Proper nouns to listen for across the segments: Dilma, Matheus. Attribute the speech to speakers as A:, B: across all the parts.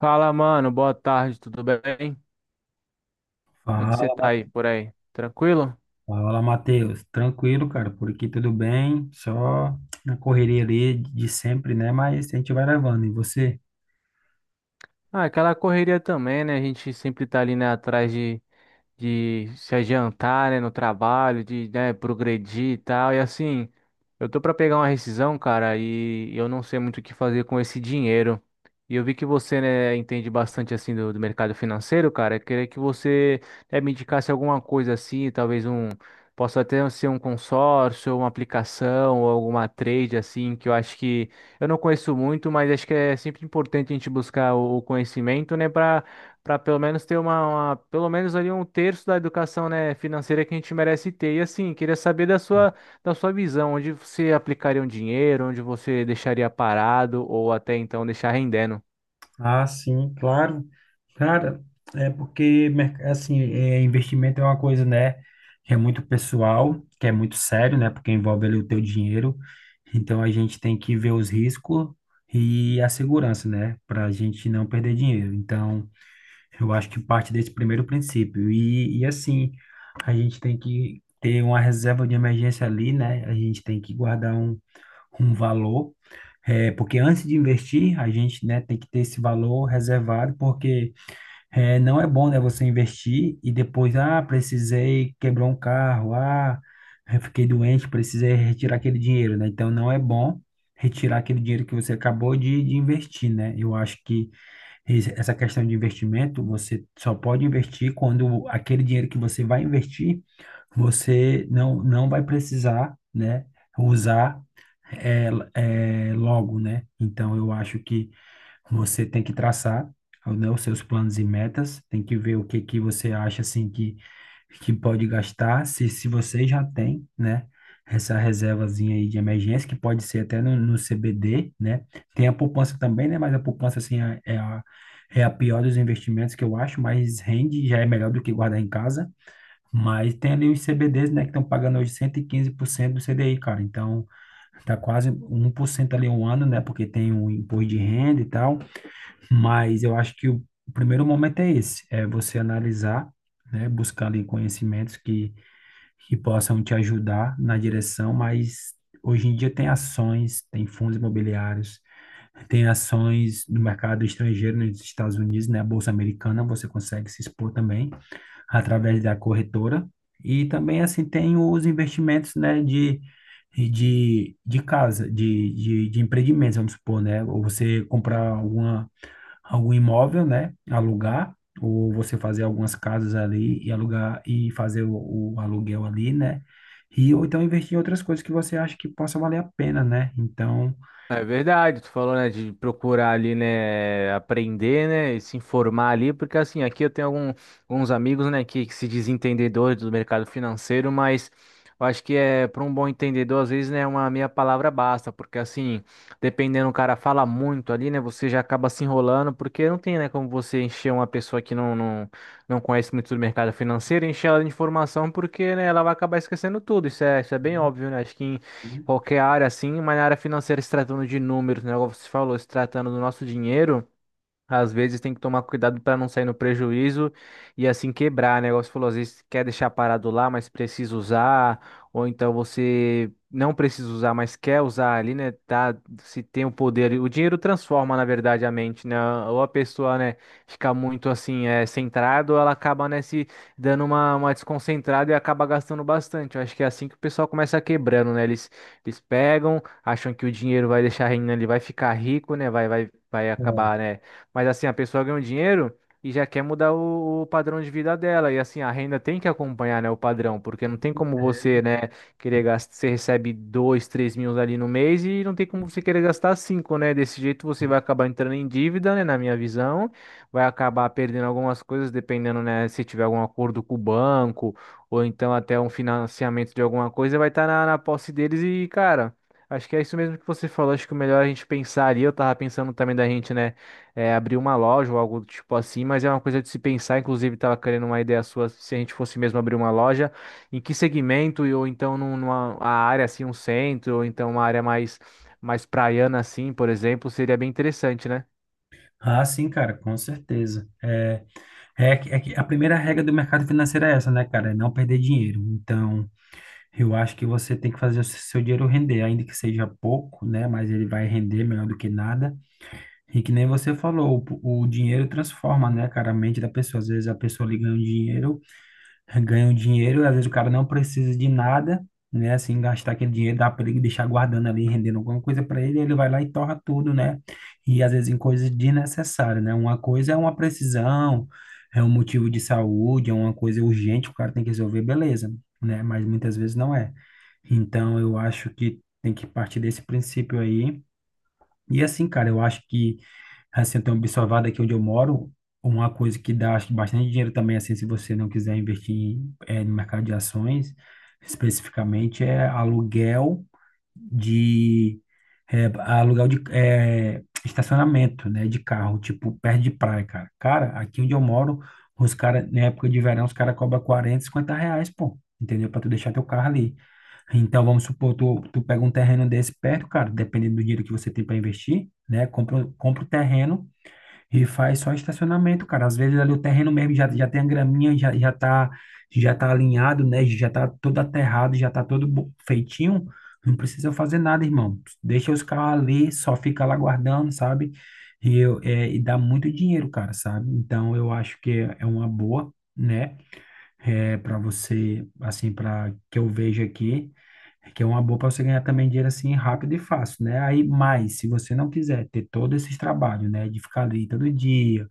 A: Fala, mano, boa tarde, tudo bem? Como é que você
B: Fala,
A: tá aí por aí? Tranquilo?
B: Matheus. Tranquilo, cara, por aqui tudo bem, só na correria ali de sempre, né? Mas a gente vai levando. E você?
A: Ah, aquela correria também, né? A gente sempre tá ali, né, atrás de se adiantar, né, no trabalho, de, né, progredir e tal. E assim, eu tô pra pegar uma rescisão, cara, e eu não sei muito o que fazer com esse dinheiro. E eu vi que você, né, entende bastante assim do mercado financeiro, cara. Eu queria que você, né, me indicasse alguma coisa assim, talvez possa até ser um consórcio, uma aplicação ou alguma trade assim, que eu acho que eu não conheço muito, mas acho que é sempre importante a gente buscar o conhecimento, né, para pelo menos ter pelo menos ali um terço da educação, né, financeira que a gente merece ter. E assim, queria saber da sua visão, onde você aplicaria um dinheiro, onde você deixaria parado ou até então deixar rendendo.
B: Ah, sim, claro. Cara, é porque, assim, investimento é uma coisa, né, que é muito pessoal, que é muito sério, né, porque envolve ali o teu dinheiro. Então a gente tem que ver os riscos e a segurança, né, para a gente não perder dinheiro. Então. Eu acho que parte desse primeiro princípio. E assim, a gente tem que ter uma reserva de emergência ali, né? A gente tem que guardar um valor, porque antes de investir, a gente, né, tem que ter esse valor reservado, porque não é bom, né, você investir e depois, ah, precisei, quebrou um carro, ah, eu fiquei doente, precisei retirar aquele dinheiro, né? Então, não é bom retirar aquele dinheiro que você acabou de investir, né? Eu acho que essa questão de investimento, você só pode investir quando aquele dinheiro que você vai investir, você não vai precisar, né, usar é, é logo, né? Então eu acho que você tem que traçar, né, os seus planos e metas, tem que ver o que que você acha assim que pode gastar, se você já tem, né? Essa reservazinha aí de emergência, que pode ser até no CBD, né? Tem a poupança também, né? Mas a poupança, assim, é a pior dos investimentos que eu acho, mas rende, já é melhor do que guardar em casa. Mas tem ali os CBDs, né? Que estão pagando hoje 115% do CDI, cara. Então, tá quase 1% ali um ano, né? Porque tem o imposto de renda e tal. Mas eu acho que o primeiro momento é esse, é você analisar, né? Buscar ali conhecimentos que possam te ajudar na direção, mas hoje em dia tem ações, tem fundos imobiliários, tem ações no mercado estrangeiro, nos Estados Unidos, né? A Bolsa Americana, você consegue se expor também através da corretora. E também, assim, tem os investimentos, né, de casa, de empreendimentos, vamos supor, né? Ou você comprar algum imóvel, né, alugar, ou você fazer algumas casas ali e alugar e fazer o aluguel ali, né? E, ou então investir em outras coisas que você acha que possa valer a pena, né? Então,
A: É verdade, tu falou, né, de procurar ali, né, aprender, né, e se informar ali, porque assim, aqui eu tenho alguns amigos, né, que se dizem entendedores do mercado financeiro, mas eu acho que é, para um bom entendedor, às vezes, né, uma meia palavra basta, porque assim, dependendo, o cara fala muito ali, né, você já acaba se enrolando, porque não tem, né, como você encher uma pessoa que não conhece muito do mercado financeiro, encher ela de informação, porque, né, ela vai acabar esquecendo tudo, isso é bem óbvio, né, acho que qualquer área assim, mas na área financeira, se tratando de números, né? Como você falou, se tratando do nosso dinheiro. Às vezes tem que tomar cuidado para não sair no prejuízo e assim quebrar, né? Igual você falou, às vezes quer deixar parado lá, mas precisa usar, ou então você não precisa usar, mas quer usar ali, né? Tá, se tem o poder. O dinheiro transforma, na verdade, a mente, né? Ou a pessoa, né, fica muito assim, é, centrada, ou ela acaba, né, se dando uma desconcentrada e acaba gastando bastante. Eu acho que é assim que o pessoal começa quebrando, né? Eles pegam, acham que o dinheiro vai deixar rendendo, ele vai ficar rico, né? Vai
B: bom,
A: acabar, né? Mas assim, a pessoa ganha um dinheiro e já quer mudar o padrão de vida dela. E assim, a renda tem que acompanhar, né, o padrão, porque não
B: com
A: tem como você,
B: certeza.
A: né, querer gastar. Você recebe dois, 3 mil ali no mês e não tem como você querer gastar cinco, né? Desse jeito você vai acabar entrando em dívida, né, na minha visão. Vai acabar perdendo algumas coisas, dependendo, né, se tiver algum acordo com o banco ou então até um financiamento de alguma coisa, vai estar na posse deles e, cara. Acho que é isso mesmo que você falou. Acho que o melhor é a gente pensar ali. Eu tava pensando também da gente, né? Abrir uma loja ou algo do tipo assim, mas é uma coisa de se pensar. Inclusive, estava querendo uma ideia sua se a gente fosse mesmo abrir uma loja, em que segmento, e ou então num- numa a área assim, um centro, ou então uma área mais praiana assim, por exemplo, seria bem interessante, né?
B: Ah, sim, cara, com certeza. É que a primeira regra do mercado financeiro é essa, né, cara? É não perder dinheiro. Então, eu acho que você tem que fazer o seu dinheiro render, ainda que seja pouco, né? Mas ele vai render melhor do que nada. E que nem você falou, o dinheiro transforma, né, cara, a mente da pessoa. Às vezes a pessoa lhe ganha um dinheiro, e às vezes o cara não precisa de nada, né? Assim, gastar aquele dinheiro, dar para ele deixar guardando ali, rendendo alguma coisa para ele, ele vai lá e torra tudo, né? E às vezes em coisas desnecessárias, né? Uma coisa é uma precisão, é um motivo de saúde, é uma coisa urgente, o cara tem que resolver, beleza, né? Mas muitas vezes não é. Então, eu acho que tem que partir desse princípio aí. E assim, cara, eu acho que assim, eu tenho observado aqui onde eu moro, uma coisa que dá acho que, bastante dinheiro também, assim, se você não quiser investir no mercado de ações, especificamente, é de aluguel de estacionamento, né, de carro, tipo, perto de praia, cara. Cara, aqui onde eu moro, os caras, na época de verão, os caras cobram 40 50 reais, pô. Entendeu? Para tu deixar teu carro ali. Então, vamos supor, tu pega um terreno desse perto, cara, dependendo do dinheiro que você tem para investir, né? Compra o terreno e faz só estacionamento, cara. Às vezes ali o terreno mesmo já, já, tem a graminha, já tá alinhado, né? Já tá todo aterrado, já tá todo feitinho. Não precisa fazer nada, irmão. Deixa os carros ali, só fica lá guardando, sabe? E dá muito dinheiro, cara, sabe? Então eu acho que é uma boa, né? É, para você, assim, para que eu vejo aqui, é que é uma boa para você ganhar também dinheiro assim rápido e fácil, né? Aí, mas se você não quiser ter todos esses trabalhos, né, de ficar ali todo dia,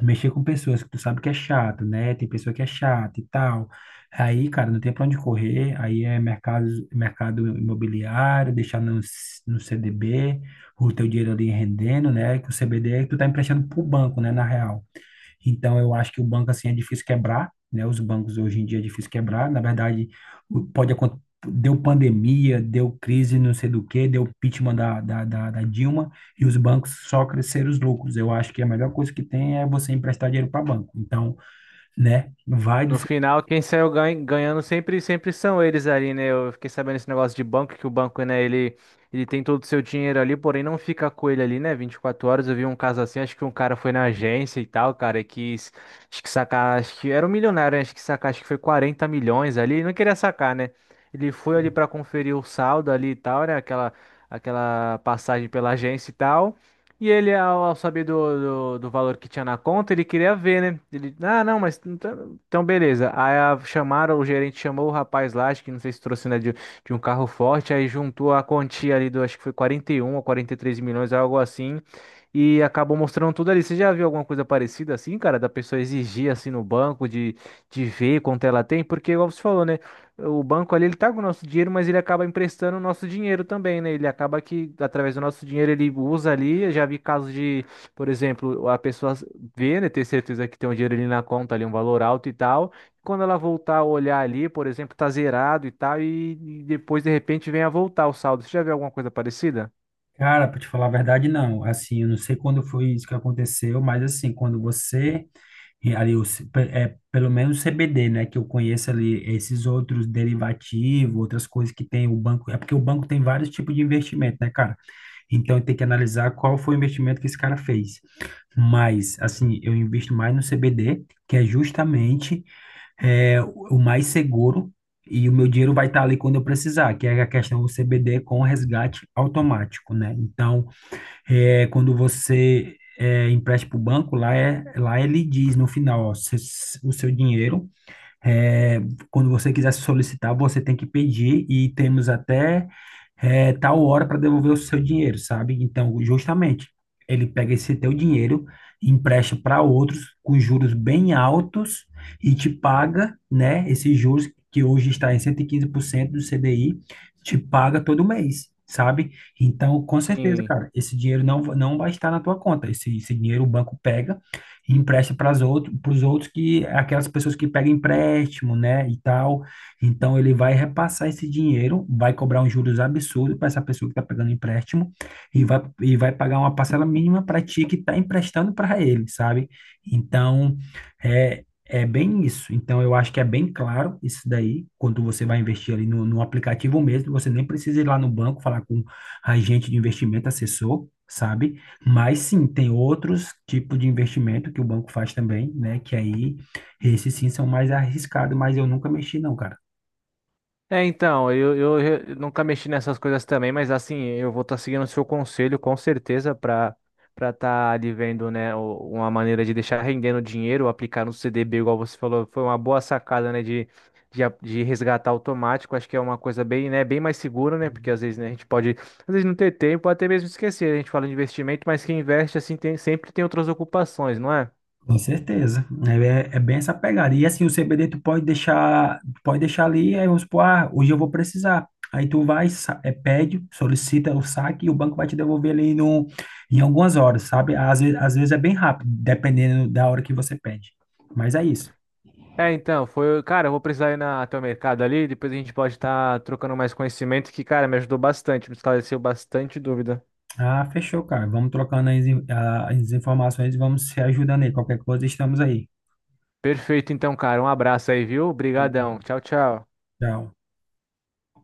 B: mexer com pessoas que tu sabe que é chato, né? Tem pessoa que é chata e tal. Aí, cara, não tem para onde correr. Aí é mercado imobiliário, deixar no CDB, o teu dinheiro ali rendendo, né? Que o CDB tu tá emprestando pro banco, né, na real. Então, eu acho que o banco, assim, é difícil quebrar, né? Os bancos hoje em dia é difícil quebrar. Na verdade, pode acontecer. Deu pandemia, deu crise, não sei do que, deu impeachment da Dilma e os bancos só cresceram os lucros. Eu acho que a melhor coisa que tem é você emprestar dinheiro para banco. Então, né, vai do
A: No
B: seu
A: final, quem saiu ganhando sempre, são eles ali, né? Eu fiquei sabendo esse negócio de banco, que o banco, né, ele tem todo o seu dinheiro ali, porém não fica com ele ali, né? 24 horas. Eu vi um caso assim, acho que um cara foi na agência e tal, cara, e quis, acho que sacar, acho que era um milionário, né? Acho que sacar, acho que foi 40 milhões ali, ele não queria sacar, né? Ele foi ali pra conferir o saldo ali e tal, né? Aquela passagem pela agência e tal. E ele, ao saber do valor que tinha na conta, ele queria ver, né? Ele, ah, não, mas. Então, beleza. Aí chamaram, o gerente chamou o rapaz lá, acho que não sei se trouxe, né, de um carro forte, aí juntou a quantia ali do, acho que foi 41 ou 43 milhões, algo assim, e acabou mostrando tudo ali. Você já viu alguma coisa parecida assim, cara, da pessoa exigir assim no banco, de ver quanto ela tem? Porque, igual você falou, né, o banco ali, ele tá com o nosso dinheiro, mas ele acaba emprestando o nosso dinheiro também, né? Ele acaba que, através do nosso dinheiro, ele usa ali, eu já vi casos de, por exemplo, a pessoa vê, né, ter certeza que tem um dinheiro ali na conta, ali um valor alto e tal. Quando ela voltar a olhar ali, por exemplo, tá zerado e tal, e depois de repente vem a voltar o saldo. Você já viu alguma coisa parecida?
B: cara, para te falar a verdade, não. Assim, eu não sei quando foi isso que aconteceu, mas assim, quando você e ali pelo menos CBD, né, que eu conheço ali, esses outros derivativos, outras coisas que tem o banco, é porque o banco tem vários tipos de investimento, né, cara? Então tem que analisar qual foi o investimento que esse cara fez. Mas, assim, eu invisto mais no CBD, que é justamente o mais seguro e o meu dinheiro vai estar ali quando eu precisar, que é a questão do CBD com resgate automático, né? Então, quando você empresta para o banco, lá ele diz no final, ó, o seu dinheiro é, quando você quiser solicitar, você tem que pedir e temos até tal hora para devolver o seu dinheiro, sabe? Então, justamente, ele pega esse teu dinheiro, empresta para outros com juros bem altos e te paga, né, esses juros que hoje está em 115% do CDI, te paga todo mês. Sabe? Então, com certeza,
A: Sim.
B: cara, esse dinheiro não vai estar na tua conta. Esse dinheiro o banco pega e empresta para os outros que aquelas pessoas que pegam empréstimo, né, e tal. Então ele vai repassar esse dinheiro, vai cobrar uns juros absurdos para essa pessoa que está pegando empréstimo e vai pagar uma parcela mínima para ti que está emprestando para ele, sabe? Então, é bem isso. Então, eu acho que é bem claro isso daí, quando você vai investir ali no aplicativo mesmo, você nem precisa ir lá no banco falar com agente de investimento, assessor, sabe? Mas sim, tem outros tipos de investimento que o banco faz também, né? Que aí, esses sim são mais arriscados, mas eu nunca mexi não, cara.
A: É, então, eu, nunca mexi nessas coisas também, mas assim, eu vou estar seguindo o seu conselho com certeza para estar ali vendo, né, uma maneira de deixar rendendo dinheiro, aplicar no CDB, igual você falou, foi uma boa sacada, né, de, de resgatar automático, acho que é uma coisa bem, né, bem mais segura, né, porque às vezes, né, a gente pode, às vezes não ter tempo, até mesmo esquecer, a gente fala de investimento, mas quem investe, assim, sempre tem outras ocupações, não é?
B: Com certeza. É, é bem essa pegada. E assim, o CBD tu pode deixar ali, aí vamos supor, ah, hoje eu vou precisar. Aí tu vai, pede, solicita o saque e o banco vai te devolver ali no, em algumas horas, sabe? Às vezes é bem rápido, dependendo da hora que você pede. Mas é isso.
A: É, então, foi. Cara, eu vou precisar ir na, até o mercado ali, depois a gente pode estar trocando mais conhecimento, que, cara, me ajudou bastante, me esclareceu bastante dúvida.
B: Ah, fechou, cara. Vamos trocando as informações e vamos se ajudando aí. Qualquer coisa, estamos aí.
A: Perfeito, então, cara. Um abraço aí, viu?
B: Tá
A: Obrigadão.
B: bom.
A: Tchau, tchau.
B: Tchau.